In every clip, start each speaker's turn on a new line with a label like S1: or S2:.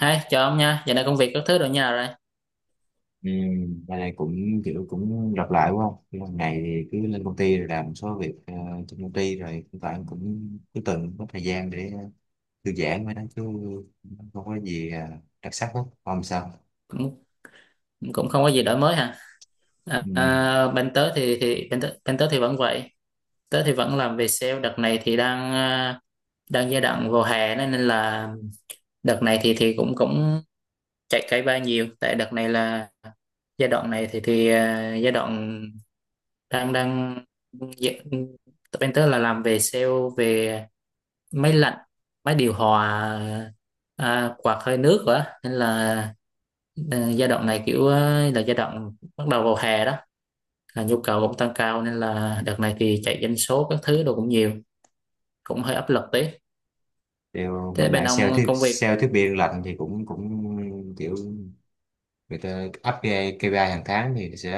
S1: Hi, chào ông nha. Giờ này công việc các thứ rồi nhà rồi.
S2: Ừ, bên này cũng kiểu cũng lặp lại quá không? Cái lần này thì cứ lên công ty rồi làm một số việc trên công ty, rồi hiện tại em cũng cứ từng có thời gian để thư giãn với đó chứ không có gì đặc sắc hết, không sao.
S1: Cũng cũng không có gì đổi mới hả? À,
S2: Ừ.
S1: à, bên tớ thì bên tớ thì vẫn vậy. Tớ thì vẫn làm về sale. Đợt này thì đang đang giai đoạn vào hè nên nên là đợt này thì cũng cũng chạy cây ba nhiều. Tại đợt này là giai đoạn này thì giai đoạn đang đang dạ, bên tớ là làm về sale, về máy lạnh, máy điều hòa, quạt hơi nước rồi á. Giai đoạn này kiểu là giai đoạn bắt đầu vào hè đó, là nhu cầu cũng tăng cao nên là đợt này thì chạy doanh số các thứ đồ cũng nhiều, cũng hơi áp lực tí.
S2: Điều
S1: Thế
S2: bên
S1: bên
S2: mạng
S1: ông công việc?
S2: sale thiết bị lạnh thì cũng cũng kiểu người ta áp cái KPI hàng tháng thì sẽ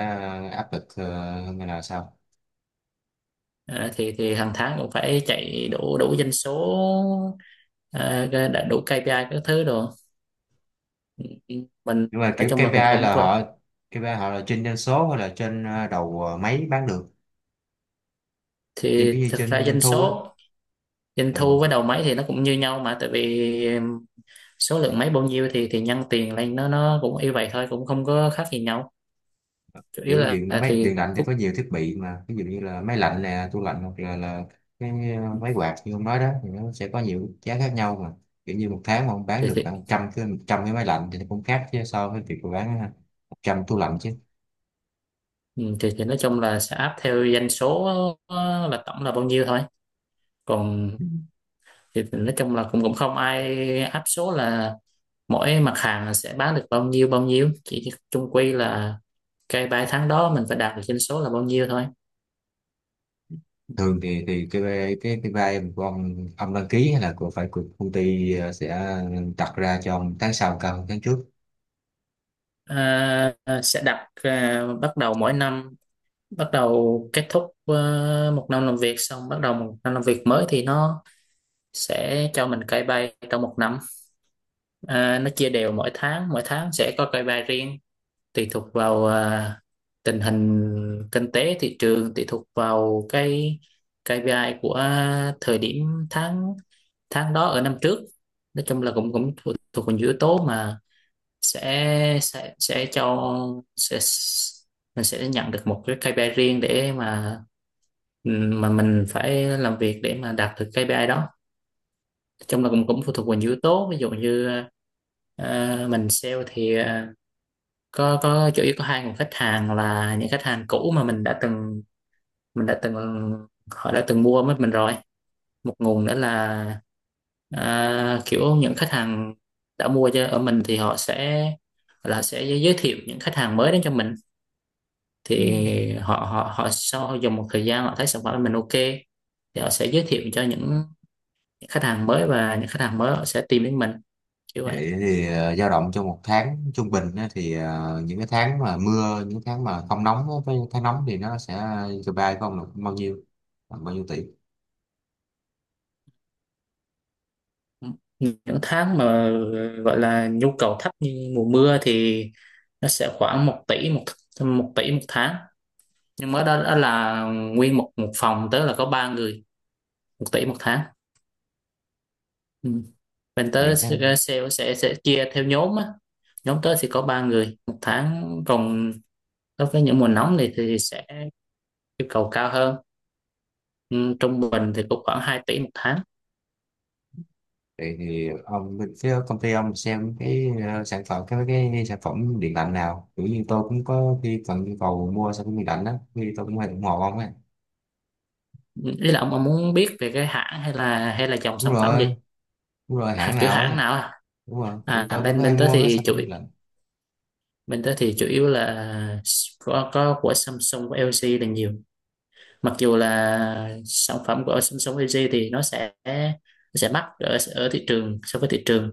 S2: áp lực hơn là sao?
S1: Thì hàng tháng cũng phải chạy đủ đủ doanh số, đã đủ KPI các thứ đồ. Ừ, mình
S2: Nhưng mà
S1: nói
S2: kiểu
S1: chung là cũng
S2: KPI
S1: cũng
S2: là
S1: vậy.
S2: họ, KPI họ là trên doanh số, hay là trên đầu máy bán được,
S1: Thì thực ra
S2: trên doanh
S1: doanh
S2: thu á.
S1: số doanh
S2: Ừ.
S1: thu với đầu máy thì nó cũng như nhau, mà tại vì số lượng máy bao nhiêu thì nhân tiền lên nó cũng như vậy thôi, cũng không có khác gì nhau. Chủ yếu
S2: Kiểu
S1: là
S2: điện máy
S1: thì
S2: điện lạnh thì có nhiều thiết bị mà, ví dụ như là máy lạnh nè, tủ lạnh, hoặc là cái máy quạt như ông nói đó thì nó sẽ có nhiều giá khác nhau mà. Kiểu như một tháng mà ông bán được
S1: thì,
S2: khoảng trăm cái 100 cái máy lạnh thì nó cũng khác chứ, so với việc mà bán 100 tủ lạnh chứ.
S1: ừ, thì nói chung là sẽ áp theo doanh số, là tổng là bao nhiêu thôi. Còn
S2: Ừ.
S1: thì nói chung là cũng cũng không ai áp số là mỗi mặt hàng là sẽ bán được bao nhiêu bao nhiêu, chỉ chung quy là cái 3 tháng đó mình phải đạt được doanh số là bao nhiêu thôi.
S2: Thường thì cái vai của ông đăng ký, hay là của, phải của công ty sẽ đặt ra cho ông tháng sau cao hơn tháng trước?
S1: à, sẽ đặt bắt đầu mỗi năm, bắt đầu kết thúc một năm làm việc xong bắt đầu một năm làm việc mới thì nó sẽ cho mình KPI trong 1 năm. Nó chia đều mỗi tháng, mỗi tháng sẽ có KPI riêng, tùy thuộc vào tình hình kinh tế thị trường, tùy thuộc vào cái KPI của thời điểm tháng tháng đó ở năm trước. Nói chung là cũng cũng thuộc, thuộc vào những yếu tố mà sẽ sẽ sẽ cho sẽ mình sẽ nhận được một cái KPI riêng để mà mình phải làm việc để mà đạt được KPI đó. Nói chung là cũng cũng phụ thuộc vào nhiều yếu tố, ví dụ như mình sale thì có chủ yếu có 2 nguồn khách hàng, là những khách hàng cũ mà mình đã từng mình đã từng họ đã từng mua với mình rồi. Một nguồn nữa là kiểu những khách hàng đã mua cho ở mình thì họ sẽ là sẽ giới thiệu những khách hàng mới đến cho mình.
S2: Ừ.
S1: Thì họ họ họ sau dùng một thời gian họ thấy sản phẩm của mình ok thì họ sẽ giới thiệu cho những khách hàng mới, và những khách hàng mới họ sẽ tìm đến mình, kiểu vậy.
S2: Vậy thì dao động trong một tháng trung bình á, thì những cái tháng mà mưa, những tháng mà không nóng á, với tháng nóng thì nó sẽ cho bay của ông là bao nhiêu, khoảng bao nhiêu tỷ?
S1: Những tháng mà gọi là nhu cầu thấp như mùa mưa thì nó sẽ khoảng 1 tỷ, một một tỷ một tháng. Nhưng mà đó, đó là nguyên một một phòng, tức là có 3 người, 1 tỷ 1 tháng. Ừ, bên tớ
S2: Những tháng.
S1: sẽ sẽ chia theo nhóm á. Nhóm tớ thì có 3 người 1 tháng. Còn đối với những mùa nóng này thì sẽ yêu cầu cao hơn. Ừ, trung bình thì cũng khoảng 2 tỷ 1 tháng.
S2: Vậy thì ông bên phía công ty ông xem cái sản phẩm, cái sản phẩm điện lạnh nào? Kiểu như tôi cũng có khi cần nhu cầu mua sản phẩm điện lạnh đó, khi tôi cũng hay ủng hộ ông ấy.
S1: Ừ, ý là ông muốn biết về cái hãng hay là dòng
S2: Đúng
S1: sản phẩm
S2: rồi,
S1: gì?
S2: đúng rồi,
S1: Hả,
S2: hãng
S1: kiểu
S2: nào
S1: hãng
S2: ấy,
S1: nào à?
S2: đúng rồi. Kiểu
S1: À,
S2: tôi cũng
S1: bên
S2: có hay
S1: bên tớ
S2: mua mấy
S1: thì
S2: sản
S1: chủ
S2: phẩm điện lạnh.
S1: bên tớ thì chủ yếu là có của Samsung, của LG là nhiều. Mặc dù là sản phẩm của Samsung LG thì nó sẽ mắc ở ở thị trường, so với thị trường,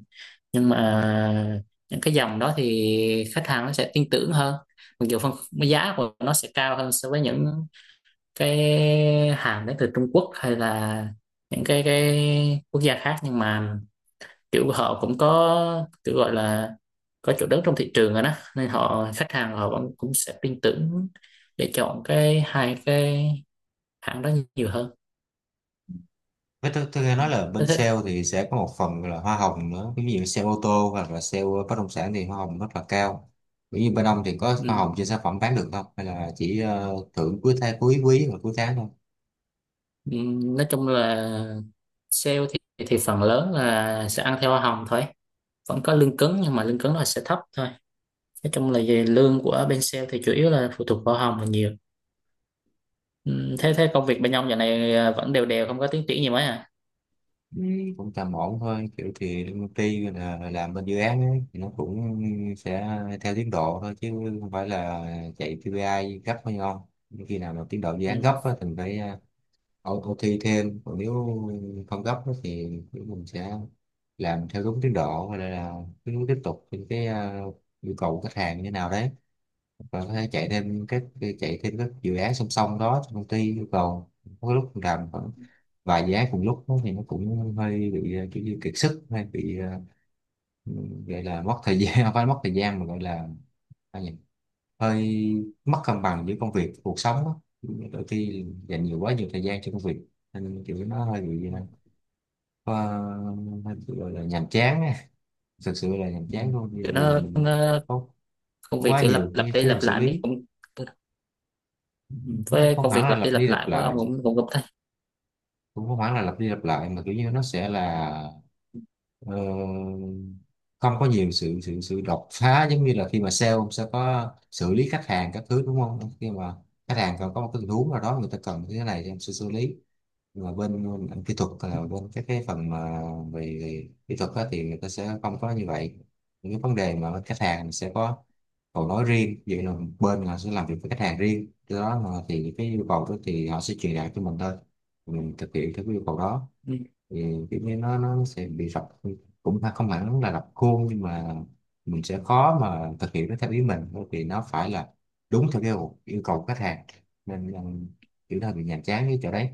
S1: nhưng mà những cái dòng đó thì khách hàng nó sẽ tin tưởng hơn. Mặc dù phân giá của nó sẽ cao hơn so với những cái hàng đến từ Trung Quốc, hay là những cái quốc gia khác, nhưng mà kiểu họ cũng có kiểu gọi là có chỗ đứng trong thị trường rồi đó, nên họ khách hàng họ vẫn cũng sẽ tin tưởng để chọn cái hai cái hãng đó nhiều hơn.
S2: Với tôi nghe
S1: Ừ.
S2: nói là
S1: thế
S2: bên
S1: thế-
S2: sale thì sẽ có một phần là hoa hồng nữa. Ví dụ sale ô tô, hoặc là sale bất động sản thì hoa hồng rất là cao. Ví dụ bên ông thì có hoa
S1: ừ.
S2: hồng trên sản phẩm bán được không? Hay là chỉ thưởng cuối tháng, cuối quý và cuối tháng thôi?
S1: Ừ, nói chung là sale thì phần lớn là sẽ ăn theo hoa hồng thôi. Vẫn có lương cứng nhưng mà lương cứng nó sẽ thấp thôi. Nói chung là về lương của bên sale thì chủ yếu là phụ thuộc vào hoa hồng là nhiều. Ừ, thế thế công việc bên ông giờ này vẫn đều đều không có tiến triển gì mấy à?
S2: Ừ. Cũng tầm ổn thôi. Kiểu thì công ty là làm bên dự án ấy, thì nó cũng sẽ theo tiến độ thôi chứ không phải là chạy KPI gấp hay không. Khi nào mà tiến độ dự án
S1: Ừ.
S2: gấp á, thì phải auto thi thêm, còn nếu không gấp á thì kiểu mình sẽ làm theo đúng tiến độ, hay là cứ tiếp tục những cái yêu cầu của khách hàng như nào đấy, và có thể chạy thêm các dự án song song đó trong công ty yêu cầu. Có lúc mình làm khoảng vài dự án cùng lúc đó thì nó cũng hơi bị kiểu như kiệt sức, hay bị gọi là mất thời gian, không phải mất thời gian mà gọi là sao nhỉ? Hơi mất cân bằng giữa công việc và cuộc sống á. Đôi khi dành nhiều quá nhiều thời gian cho công việc nên kiểu nó hơi bị ờ, hơi bị gọi là nhàm chán á. Thực sự là nhàm
S1: Ừ.
S2: chán luôn vì
S1: Kiểu nó,
S2: mình
S1: nó
S2: có
S1: công
S2: có
S1: việc
S2: quá
S1: kiểu lặp
S2: nhiều
S1: lặp
S2: cái
S1: đi
S2: thứ phải
S1: lặp
S2: xử
S1: lại
S2: lý.
S1: mấy cũng với
S2: Không
S1: công
S2: hẳn
S1: việc
S2: là
S1: lặp đi
S2: lặp đi
S1: lặp
S2: lặp
S1: lại của ông
S2: lại,
S1: cũng cũng gặp thấy.
S2: cũng không hẳn là lặp đi lặp lại, mà kiểu như nó sẽ là ờ, không có nhiều sự sự sự đột phá. Giống như là khi mà sale, ông sẽ có xử lý khách hàng các thứ, đúng không? Khi mà khách hàng còn có một cái tình huống nào đó, người ta cần cái này thì em sẽ xử lý. Nhưng mà bên bên kỹ thuật là bên cái phần mà về kỹ thuật á, thì người ta sẽ không có như vậy. Những cái vấn đề mà bên khách hàng sẽ có cầu nói riêng vậy, là bên họ sẽ làm việc với khách hàng riêng, do đó là thì cái yêu cầu đó thì họ sẽ truyền đạt cho mình thôi, mình thực hiện theo cái yêu cầu đó.
S1: Ừ.
S2: Thì kiểu như nó sẽ bị rập, cũng không hẳn là rập khuôn, nhưng mà mình sẽ khó mà thực hiện nó theo ý mình, bởi vì nó phải là đúng theo cái yêu yêu cầu của khách hàng, nên là kiểu là bị nhàm chán cái chỗ đấy.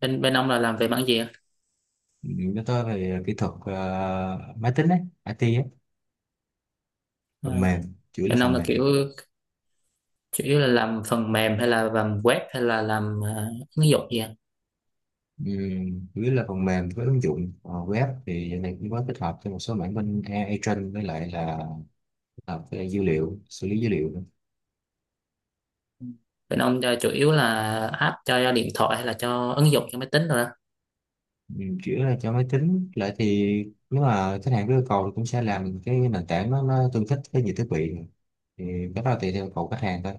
S1: bên bên ông là làm về mảng gì ạ?
S2: Ừ, nói tới về kỹ thuật máy tính ấy, IT ấy,
S1: à,
S2: phần mềm, chủ yếu là
S1: Bên ông
S2: phần
S1: là
S2: mềm.
S1: kiểu chủ yếu là làm phần mềm, hay là làm web, hay là làm ứng dụng gì ạ?
S2: Chủ là phần mềm với ứng dụng. Ờ, web thì giờ này cũng có tích hợp cho một số mảng bên AI training, với lại là tích hợp với dữ liệu, xử lý dữ liệu nữa.
S1: Ừ, bên ông là chủ yếu là app cho điện thoại hay là cho ứng dụng cho máy tính rồi đó?
S2: Chủ yếu là cho máy tính, lại thì nếu mà khách hàng có yêu cầu thì cũng sẽ làm cái nền tảng nó tương thích với nhiều thiết bị. Thì cái đó là tùy theo yêu cầu khách hàng thôi.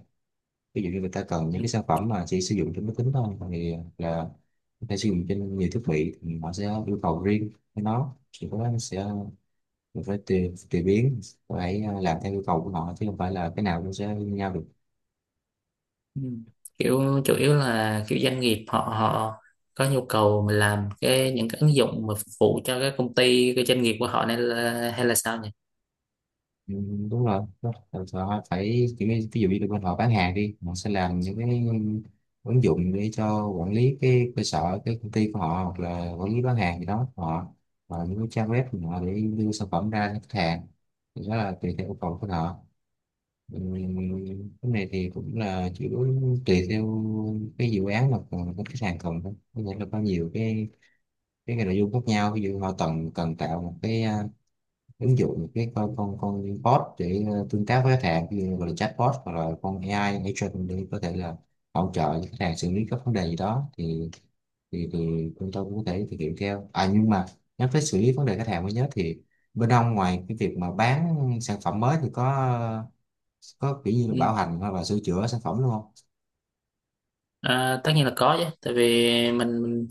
S2: Ví dụ như người ta cần
S1: Ừ.
S2: những cái sản phẩm mà chỉ sử dụng trên máy tính thôi, thì là người ta sử dụng trên nhiều thiết bị thì họ sẽ yêu cầu riêng với nó, thì có nó sẽ mình phải tùy tùy biến, phải làm theo yêu cầu của họ, chứ không phải là cái nào cũng sẽ như nhau được.
S1: Ừ, kiểu chủ yếu là kiểu doanh nghiệp họ họ có nhu cầu mà làm những cái ứng dụng mà phục vụ cho cái công ty, cái doanh nghiệp của họ nên là, hay là sao
S2: Ừ, đúng rồi, đúng rồi. Họ phải kiểu như, ví dụ như bên họ bán hàng đi, họ sẽ làm những cái ứng dụng để cho quản lý cái cơ sở, cái công ty của họ, hoặc là quản lý bán hàng gì đó của họ, và những cái trang web của họ để đưa sản phẩm ra cho khách hàng, thì đó là tùy theo yêu cầu của họ. Ừ, cái này thì cũng là chủ yếu tùy theo cái dự án mà còn cái khách hàng cần thôi, có nghĩa là có nhiều cái nội dung khác nhau. Ví dụ họ cần cần tạo một cái ứng dụng, một cái con bot để tương tác với khách hàng, ví dụ gọi là chatbot, hoặc là con AI agent để có thể là hỗ trợ cho khách hàng xử lý các vấn đề gì đó, thì chúng tôi cũng có thể thực hiện theo. À, nhưng mà nhắc tới xử lý vấn đề khách hàng mới nhớ, thì bên ông ngoài cái việc mà bán sản phẩm mới thì có kiểu như là bảo
S1: nhỉ?
S2: hành, hoặc là sửa chữa sản phẩm luôn không?
S1: À, tất nhiên là có chứ, tại vì mình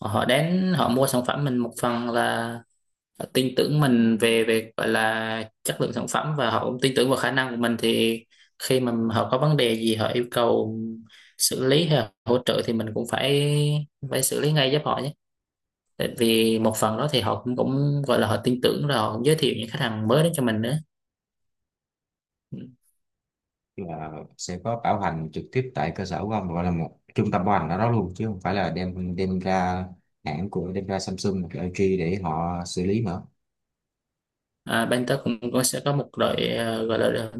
S1: họ đến họ mua sản phẩm mình, một phần là họ tin tưởng mình về về gọi là chất lượng sản phẩm, và họ cũng tin tưởng vào khả năng của mình. Thì khi mà họ có vấn đề gì họ yêu cầu xử lý hay là hỗ trợ thì mình cũng phải phải xử lý ngay giúp họ nhé. Tại vì một phần đó thì họ cũng cũng gọi là họ tin tưởng rồi họ cũng giới thiệu những khách hàng mới đến cho mình nữa. Ừ.
S2: Là sẽ có bảo hành trực tiếp tại cơ sở của ông, gọi là một trung tâm bảo hành ở đó luôn, chứ không phải là đem đem ra hãng của, đem ra Samsung hoặc LG để họ xử lý nữa?
S1: À, bên tớ cũng sẽ có một đội gọi là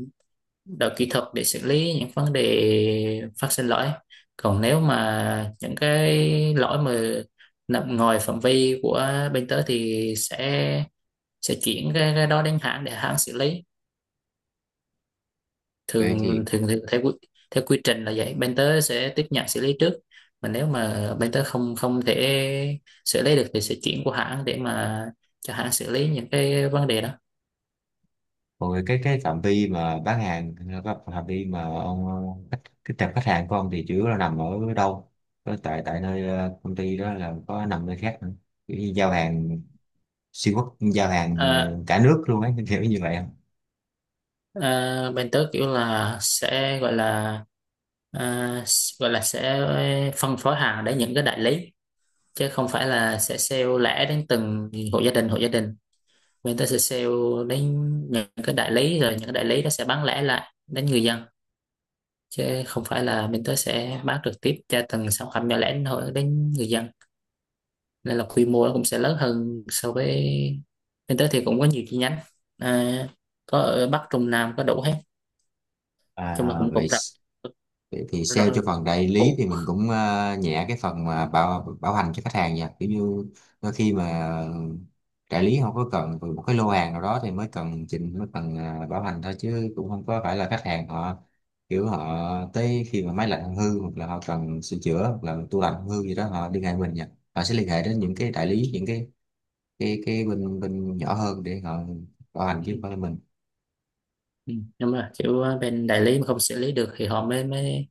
S1: đội kỹ thuật để xử lý những vấn đề phát sinh lỗi. Còn nếu mà những cái lỗi mà nằm ngoài phạm vi của bên tớ thì sẽ chuyển cái đó đến hãng để hãng xử lý.
S2: Vậy
S1: Thường
S2: thì
S1: thường thì theo theo quy trình là vậy, bên tớ sẽ tiếp nhận xử lý trước, mà nếu mà bên tớ không không thể xử lý được thì sẽ chuyển qua hãng để mà cho hãng xử lý những cái vấn đề đó.
S2: còn về cái phạm vi mà bán hàng, cái phạm vi mà ông khách, cái tệp khách hàng của ông thì chủ yếu là nằm ở đâu? Có tại tại nơi công ty đó, là có nằm nơi khác nữa? Kiểu như giao hàng xuyên quốc, giao hàng
S1: à,
S2: cả nước luôn ấy, kiểu như vậy không?
S1: Bên tớ kiểu là sẽ gọi là à, sẽ phân phối hàng đến những cái đại lý, chứ không phải là sẽ sale lẻ đến từng hộ gia đình. Người ta sẽ sale đến những cái đại lý, rồi những cái đại lý nó sẽ bán lẻ lại đến người dân, chứ không phải là mình tới sẽ bán trực tiếp cho từng sản phẩm nhỏ lẻ đến hộ đến người dân. Nên là quy mô nó cũng sẽ lớn hơn. So với mình tới thì cũng có nhiều chi nhánh, à, có ở Bắc Trung Nam có đủ hết. Chung là
S2: À,
S1: cũng cũng
S2: vậy.
S1: rộng,
S2: Vậy thì sale
S1: rộng
S2: cho phần đại lý thì mình cũng nhẹ cái phần mà bảo bảo hành cho khách hàng nha. Kiểu như đôi khi mà đại lý không có cần một cái lô hàng nào đó thì mới cần chỉnh, mới cần bảo hành thôi, chứ cũng không có phải là khách hàng họ, kiểu họ tới khi mà máy lạnh không hư hoặc là họ cần sửa chữa hoặc là tủ lạnh không hư gì đó họ liên hệ mình nha. Họ sẽ liên hệ đến những cái đại lý, những cái bên bên nhỏ hơn để họ bảo hành, chứ
S1: đủ.
S2: không phải là mình.
S1: Ừ, đúng rồi, kiểu bên đại lý mà không xử lý được thì họ mới mới,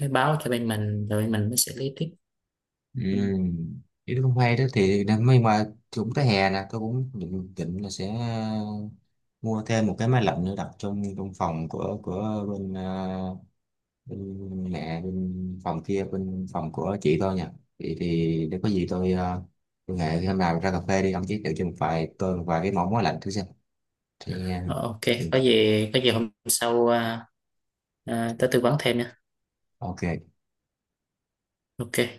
S1: mới báo cho bên mình, rồi bên mình mới xử lý tiếp. Ừ.
S2: Ừ. Ý không cũng hay đó thì nhưng mà cũng tới hè nè, tôi cũng định là sẽ mua thêm một cái máy lạnh nữa đặt trong trong phòng của bên mẹ, bên phòng kia, bên phòng của chị tôi nha. Thì để có gì tôi tôi hẹn hôm nào ra cà phê đi, ông giới thiệu cho một vài cái món máy lạnh thử xem. Thì
S1: Ờ, ok,
S2: ừ,
S1: có gì có gì hôm sau tới tư vấn thêm nha.
S2: ok.
S1: Ok.